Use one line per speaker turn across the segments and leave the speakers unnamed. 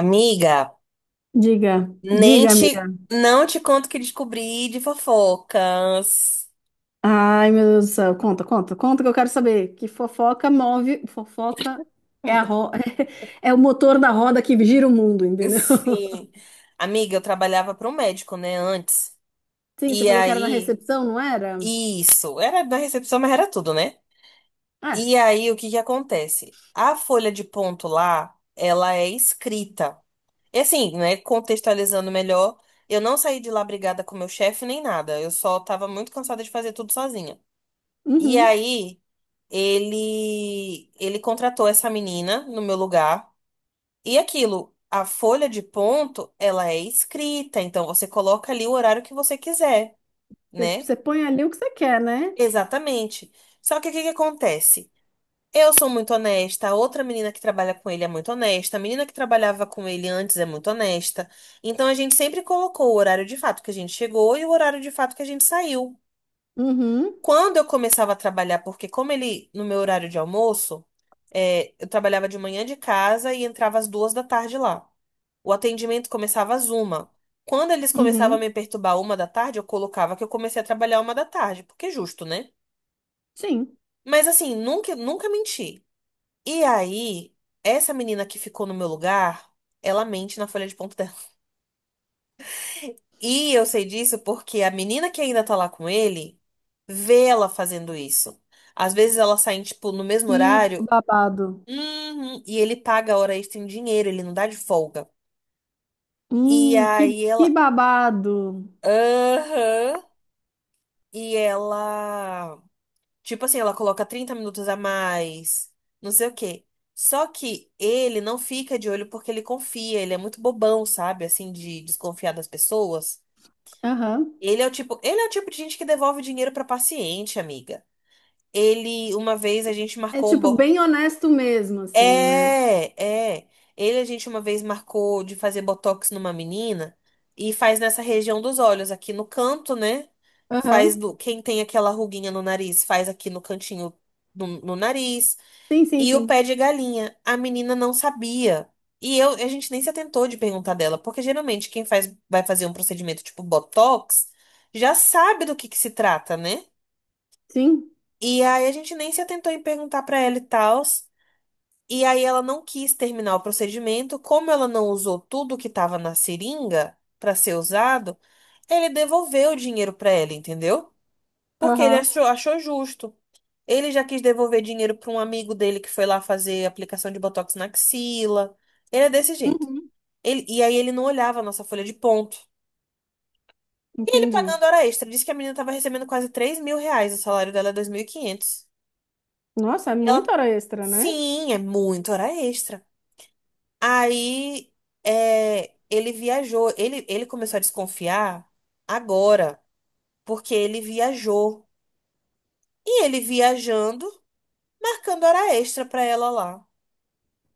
Amiga,
Diga,
nem
diga, amiga.
te, não te conto o que descobri de fofocas.
Ai, meu Deus do céu, conta, conta, conta que eu quero saber. Que fofoca move, fofoca é a é o motor da roda que gira o mundo, entendeu?
Sim. Amiga, eu trabalhava para um médico, né, antes.
Sim, você
E
falou que era na
aí,
recepção, não era?
isso, era da recepção, mas era tudo, né?
É,
E aí, o que que acontece? A folha de ponto lá, ela é escrita. E assim, né, contextualizando melhor, eu não saí de lá brigada com meu chefe nem nada. Eu só tava muito cansada de fazer tudo sozinha. E
uhum.
aí, ele contratou essa menina no meu lugar. E aquilo, a folha de ponto, ela é escrita, então você coloca ali o horário que você quiser,
Você
né?
você põe ali o que você quer, né?
Exatamente. Só que o que que acontece? Eu sou muito honesta, a outra menina que trabalha com ele é muito honesta, a menina que trabalhava com ele antes é muito honesta. Então a gente sempre colocou o horário de fato que a gente chegou e o horário de fato que a gente saiu.
Uhum,
Quando eu começava a trabalhar, porque como ele, no meu horário de almoço, eu trabalhava de manhã de casa e entrava às duas da tarde lá. O atendimento começava às uma. Quando eles começavam a
uhum,
me perturbar uma da tarde, eu colocava que eu comecei a trabalhar uma da tarde, porque é justo, né?
sim.
Mas assim, nunca, nunca menti. E aí, essa menina que ficou no meu lugar, ela mente na folha de ponto dela. E eu sei disso porque a menina que ainda tá lá com ele vê ela fazendo isso. Às vezes elas saem, tipo, no mesmo
Que
horário.
babado.
Uhum. E ele paga a hora extra em dinheiro, ele não dá de folga. E aí ela.
Que babado.
Aham. E ela. Tipo assim, ela coloca 30 minutos a mais, não sei o quê. Só que ele não fica de olho porque ele confia, ele é muito bobão, sabe? Assim, de desconfiar das pessoas.
Aham.
Ele é o tipo, ele é o tipo de gente que devolve dinheiro pra paciente, amiga. Ele, uma vez a gente
É
marcou um
tipo
bordo.
bem honesto mesmo, assim, né?
É, é. Ele, a gente uma vez marcou de fazer botox numa menina e faz nessa região dos olhos, aqui no canto, né? Faz
Aham.
do, quem tem aquela ruguinha no nariz, faz aqui no cantinho no nariz.
Sim, sim,
E o
sim.
pé de galinha. A menina não sabia. E eu, a gente nem se atentou de perguntar dela, porque geralmente quem faz, vai fazer um procedimento tipo botox já sabe do que se trata, né?
Sim.
E aí a gente nem se atentou em perguntar pra ela e tal. E aí ela não quis terminar o procedimento, como ela não usou tudo que estava na seringa para ser usado, ele devolveu o dinheiro para ela, entendeu? Porque ele
Aham.
achou, achou justo. Ele já quis devolver dinheiro para um amigo dele que foi lá fazer aplicação de botox na axila. Ele é desse jeito.
Uhum.
E aí ele não olhava a nossa folha de ponto. E ele
Entendi.
pagando hora extra. Disse que a menina estava recebendo quase 3 mil reais. O salário dela é 2.500. E quinhentos.
Nossa, é
E ela,
muita hora extra, né?
sim, é muito hora extra. Aí ele viajou. Ele começou a desconfiar agora, porque ele viajou. E ele viajando, marcando hora extra pra ela lá.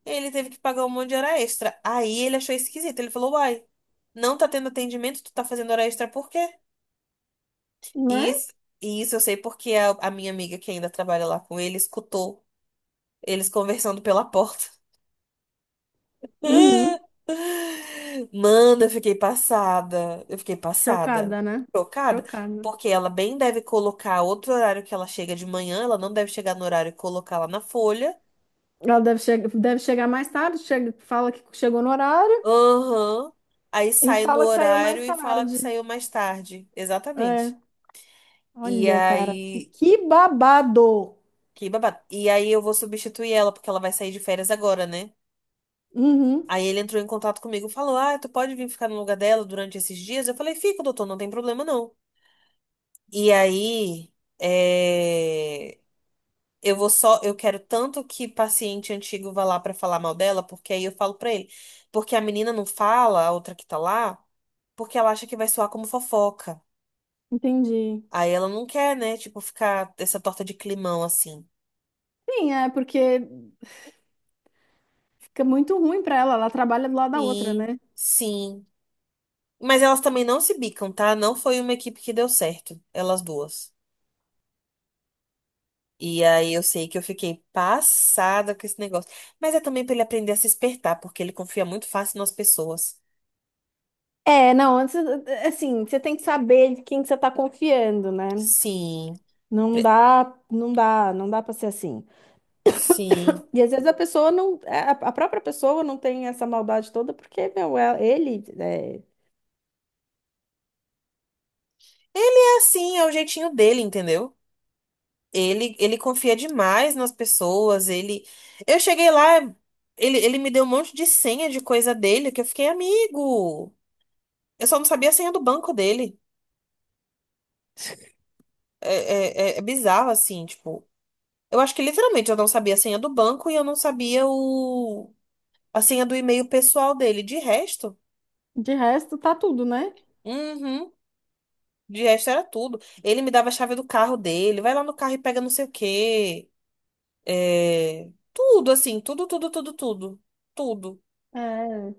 Ele teve que pagar um monte de hora extra. Aí ele achou esquisito. Ele falou: Uai, não tá tendo atendimento, tu tá fazendo hora extra por quê? E
Né?
isso, e isso eu sei porque a minha amiga que ainda trabalha lá com ele escutou eles conversando pela porta.
Uhum.
Mano, eu fiquei passada. Eu fiquei passada.
Chocada, né?
Chocada.
Chocada.
Porque ela bem deve colocar outro horário que ela chega de manhã. Ela não deve chegar no horário e colocar lá na folha.
Ela deve, che deve chegar mais tarde, chega, fala que chegou no horário
Aham. Aí
e
sai no
fala que saiu mais
horário e fala que
tarde.
saiu mais tarde. Exatamente.
É.
E
Olha, cara,
aí.
que babado.
Que babado. E aí eu vou substituir ela, porque ela vai sair de férias agora, né?
Uhum.
Aí ele entrou em contato comigo e falou: Ah, tu pode vir ficar no lugar dela durante esses dias? Eu falei: Fico, doutor, não tem problema não. E aí, é, eu vou só, eu quero tanto que paciente antigo vá lá pra falar mal dela, porque aí eu falo pra ele, porque a menina não fala, a outra que tá lá, porque ela acha que vai soar como fofoca.
Entendi.
Aí ela não quer, né, tipo, ficar essa torta de climão assim.
Sim, é porque fica muito ruim pra ela. Ela trabalha do lado da outra,
Sim,
né?
sim. Mas elas também não se bicam, tá? Não foi uma equipe que deu certo, elas duas. E aí eu sei que eu fiquei passada com esse negócio. Mas é também pra ele aprender a se espertar, porque ele confia muito fácil nas pessoas.
É, não, antes, assim, você tem que saber de quem que você tá confiando, né?
Sim,
Não
pre-
dá, não dá, não dá para ser assim.
sim.
E às vezes a pessoa não, a própria pessoa não tem essa maldade toda, porque, meu, é,
Ele é assim, é o jeitinho dele, entendeu? Ele confia demais nas pessoas, ele... Eu cheguei lá, ele me deu um monte de senha de coisa dele, que eu fiquei amigo. Eu só não sabia a senha do banco dele. É, é, é bizarro, assim, tipo... Eu acho que literalmente eu não sabia a senha do banco e eu não sabia o... a senha do e-mail pessoal dele. De resto,
de resto, tá tudo, né?
uhum, de resto era tudo. Ele me dava a chave do carro dele, vai lá no carro e pega não sei o quê. É, tudo, assim, tudo, tudo, tudo, tudo. Tudo.
É,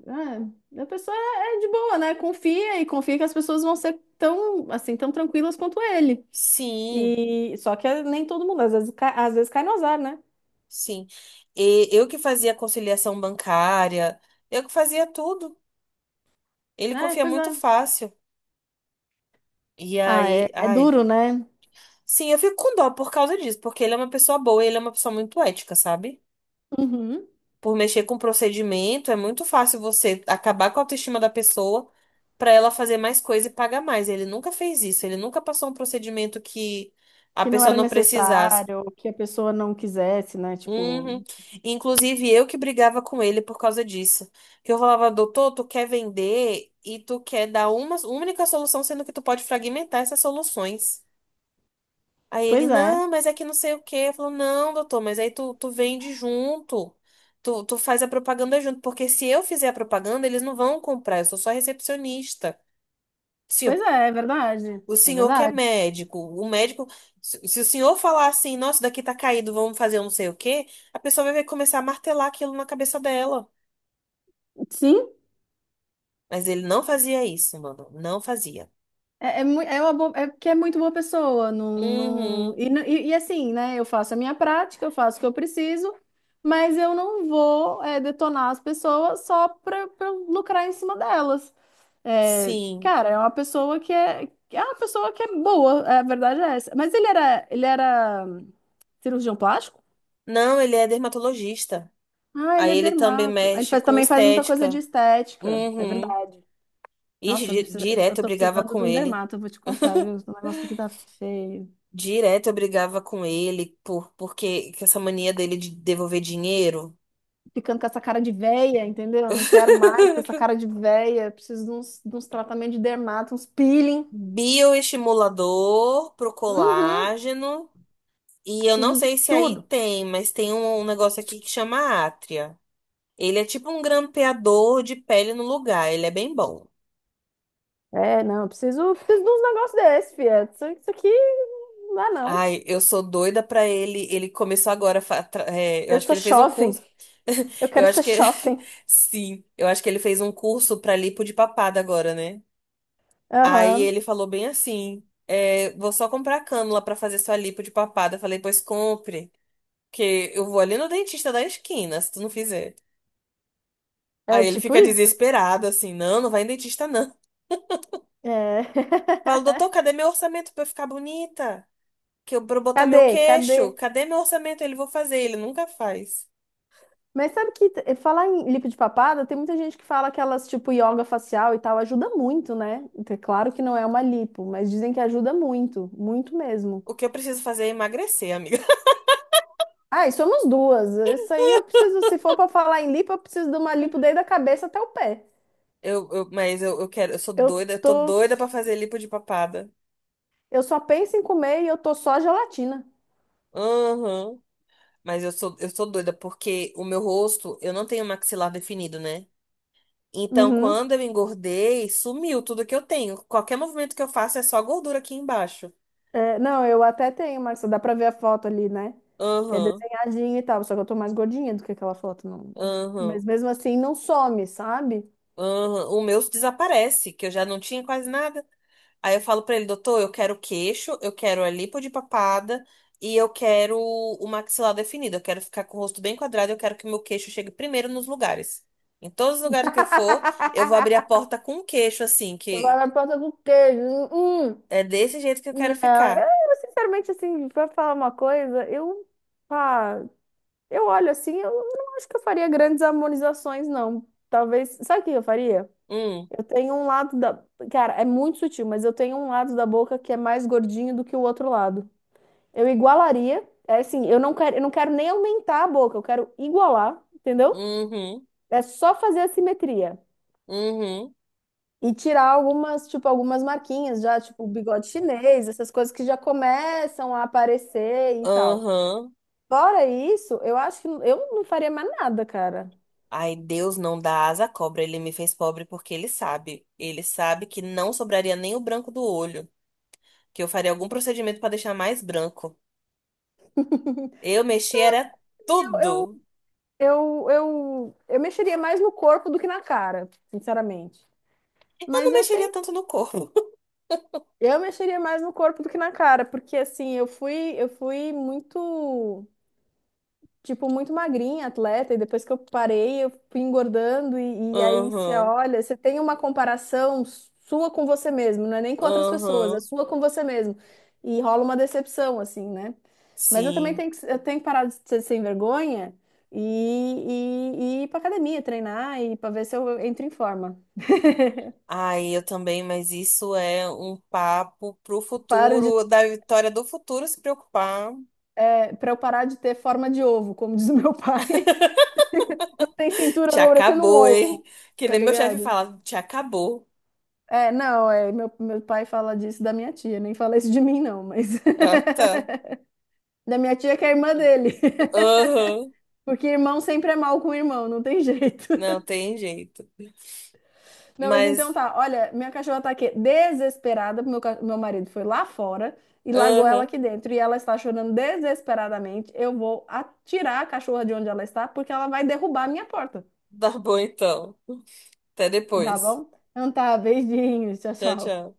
é, a pessoa é é de boa, né? Confia e confia que as pessoas vão ser tão, assim, tão tranquilas quanto ele.
Sim,
E só que é, nem todo mundo, às vezes cai no azar, né?
sim. E eu que fazia conciliação bancária, eu que fazia tudo. Ele
É,
confia
pois
muito
é.
fácil. E
Ah, é,
aí,
é
ai.
duro, né?
Sim, eu fico com dó por causa disso, porque ele é uma pessoa boa, e ele é uma pessoa muito ética, sabe?
Uhum.
Por mexer com procedimento, é muito fácil você acabar com a autoestima da pessoa pra ela fazer mais coisa e pagar mais. Ele nunca fez isso, ele nunca passou um procedimento que a
Que não
pessoa
era
não precisasse.
necessário, que a pessoa não quisesse, né? Tipo,
Uhum. Inclusive, eu que brigava com ele por causa disso. Que eu falava, doutor, tu quer vender e tu quer dar uma única solução, sendo que tu pode fragmentar essas soluções. Aí ele,
pois é,
não, mas é que não sei o quê. Eu falo, não, doutor, mas aí tu, tu vende junto. Tu, tu faz a propaganda junto. Porque se eu fizer a propaganda, eles não vão comprar. Eu sou só recepcionista.
é verdade,
O
é
senhor que é
verdade.
médico, o médico, se o senhor falar assim, nossa, daqui tá caído, vamos fazer um não sei o quê, a pessoa vai começar a martelar aquilo na cabeça dela.
Sim,
Mas ele não fazia isso, mano, não fazia.
é, é uma boa, é porque é muito boa pessoa. Não, não,
Uhum,
e assim, né? Eu faço a minha prática, eu faço o que eu preciso, mas eu não vou é, detonar as pessoas só para lucrar em cima delas. É,
sim.
cara, é uma pessoa que é uma pessoa que é boa, é, a verdade é essa. Ele era cirurgião plástico?
Não, ele é dermatologista.
Ah, ele
Aí
é
ele também
dermato. Ele
mexe
faz,
com
também faz muita coisa de
estética.
estética, é
Uhum.
verdade.
Ixi,
Nossa, eu
direto eu
tô
brigava
precisando de
com
um
ele.
dermato, eu vou te contar, viu? O negócio aqui tá feio.
Direto eu brigava com ele porque que essa mania dele de devolver dinheiro.
Ficando com essa cara de véia, entendeu? Eu não quero mais ter essa cara de véia. Eu preciso de uns tratamentos de dermato, uns peeling.
Bioestimulador pro
Uhum,
colágeno. E eu não
preciso de
sei se aí
tudo.
tem, mas tem um, um negócio aqui que chama átria. Ele é tipo um grampeador de pele no lugar. Ele é bem bom.
É, não, eu preciso, preciso de uns negócios desses, fia. Isso aqui não dá, não.
Ai, eu sou doida pra ele. Ele começou agora. A fa- tra- é, Eu
Eu
acho que
sou
ele fez um
jovem.
curso.
Eu
Eu
quero
acho
ser
que.
jovem.
Sim, eu acho que ele fez um curso pra lipo de papada agora, né? Aí
Aham.
ele falou bem assim: é, vou só comprar cânula pra fazer sua lipo de papada. Eu falei, pois compre. Porque eu vou ali no dentista da esquina, se tu não fizer.
É
Aí ele
tipo
fica
isso.
desesperado, assim, não, não vai em dentista, não.
É.
Falo, doutor, cadê meu orçamento pra eu ficar bonita? Que eu, pra eu botar meu
Cadê? Cadê?
queixo? Cadê meu orçamento? Ele, vou fazer. Ele nunca faz.
Mas sabe que falar em lipo de papada, tem muita gente que fala que elas, tipo, yoga facial e tal, ajuda muito, né? Então, é claro que não é uma lipo, mas dizem que ajuda muito, muito mesmo.
O que eu preciso fazer é emagrecer, amiga.
Ah, e somos duas. Isso aí eu preciso, se for pra falar em lipo, eu preciso de uma lipo desde a cabeça até o pé.
Eu, mas eu quero, eu sou
Eu
doida, eu tô
tô,
doida pra fazer lipo de papada.
eu só penso em comer e eu tô só gelatina.
Aham. Mas eu sou doida porque o meu rosto, eu não tenho maxilar definido, né? Então,
Uhum.
quando eu engordei, sumiu tudo que eu tenho. Qualquer movimento que eu faço é só gordura aqui embaixo.
É, não, eu até tenho, Marcia, dá pra ver a foto ali, né? Que é
Aham,
desenhadinha e tal, só que eu tô mais gordinha do que aquela foto, não. Mas
aham,
mesmo assim não some, sabe?
aham. O meu desaparece, que eu já não tinha quase nada. Aí eu falo pra ele, doutor, eu quero queixo, eu quero a lipo de papada e eu quero o maxilar definido. Eu quero ficar com o rosto bem quadrado, eu quero que o meu queixo chegue primeiro nos lugares. Em todos os lugares que eu for, eu vou abrir a porta com o queixo, assim,
Eu vou
que
na porta com queijo. Hum,
é desse jeito que eu quero
não,
ficar.
sinceramente, assim, pra falar uma coisa, pá, eu olho assim, eu não acho que eu faria grandes harmonizações, não. Talvez, sabe o que eu faria?
Hum,
Eu tenho um lado da, cara, é muito sutil, mas eu tenho um lado da boca que é mais gordinho do que o outro lado. Eu igualaria, é assim, eu não quero nem aumentar a boca, eu quero igualar, entendeu?
uhum,
É só fazer a simetria.
uhum.
E tirar algumas, tipo, algumas marquinhas já, tipo, o bigode chinês, essas coisas que já começam a aparecer e tal.
Aham.
Fora isso, eu acho que eu não faria mais nada, cara.
Ai, Deus não dá asa à cobra. Ele me fez pobre porque ele sabe. Ele sabe que não sobraria nem o branco do olho. Que eu faria algum procedimento pra deixar mais branco. Eu mexi era
Eu, eu,
tudo.
eu mexeria mais no corpo do que na cara, sinceramente.
Eu não
Mas eu
mexeria
tenho.
tanto no corpo.
Eu mexeria mais no corpo do que na cara, porque assim, eu fui muito. Tipo, muito magrinha, atleta, e depois que eu parei, eu fui engordando, e aí você
Aham.
olha, você tem uma comparação sua com você mesmo, não é nem com outras pessoas, é
Aham.
sua com você mesmo. E rola uma decepção, assim, né? Mas eu também
Sim.
eu tenho que parar de ser sem vergonha e, e ir pra academia, treinar e para ver se eu entro em forma.
Ai, eu também, mas isso é um papo pro
Paro de,
futuro, da Vitória do futuro se preocupar.
para eu parar de ter forma de ovo, como diz o meu pai. Tem cintura, eu
Te
vou parecendo um
acabou, hein?
ovo,
Que
tá
nem meu chefe
ligado?
fala, te acabou.
É, não, é, meu pai fala disso da minha tia, nem fala isso de mim, não, mas
Ah, tá.
da minha tia que é irmã dele,
Aham.
porque irmão sempre é mal com irmão, não tem jeito.
Não tem jeito.
Não, mas
Mas,
então tá, olha, minha cachorra tá aqui desesperada, porque meu marido foi lá fora e largou ela
aham,
aqui dentro, e ela está chorando desesperadamente. Eu vou atirar a cachorra de onde ela está, porque ela vai derrubar a minha porta,
tá bom então. Até
tá
depois.
bom? Então tá, beijinhos, tchau,
Tchau,
tchau.
tchau.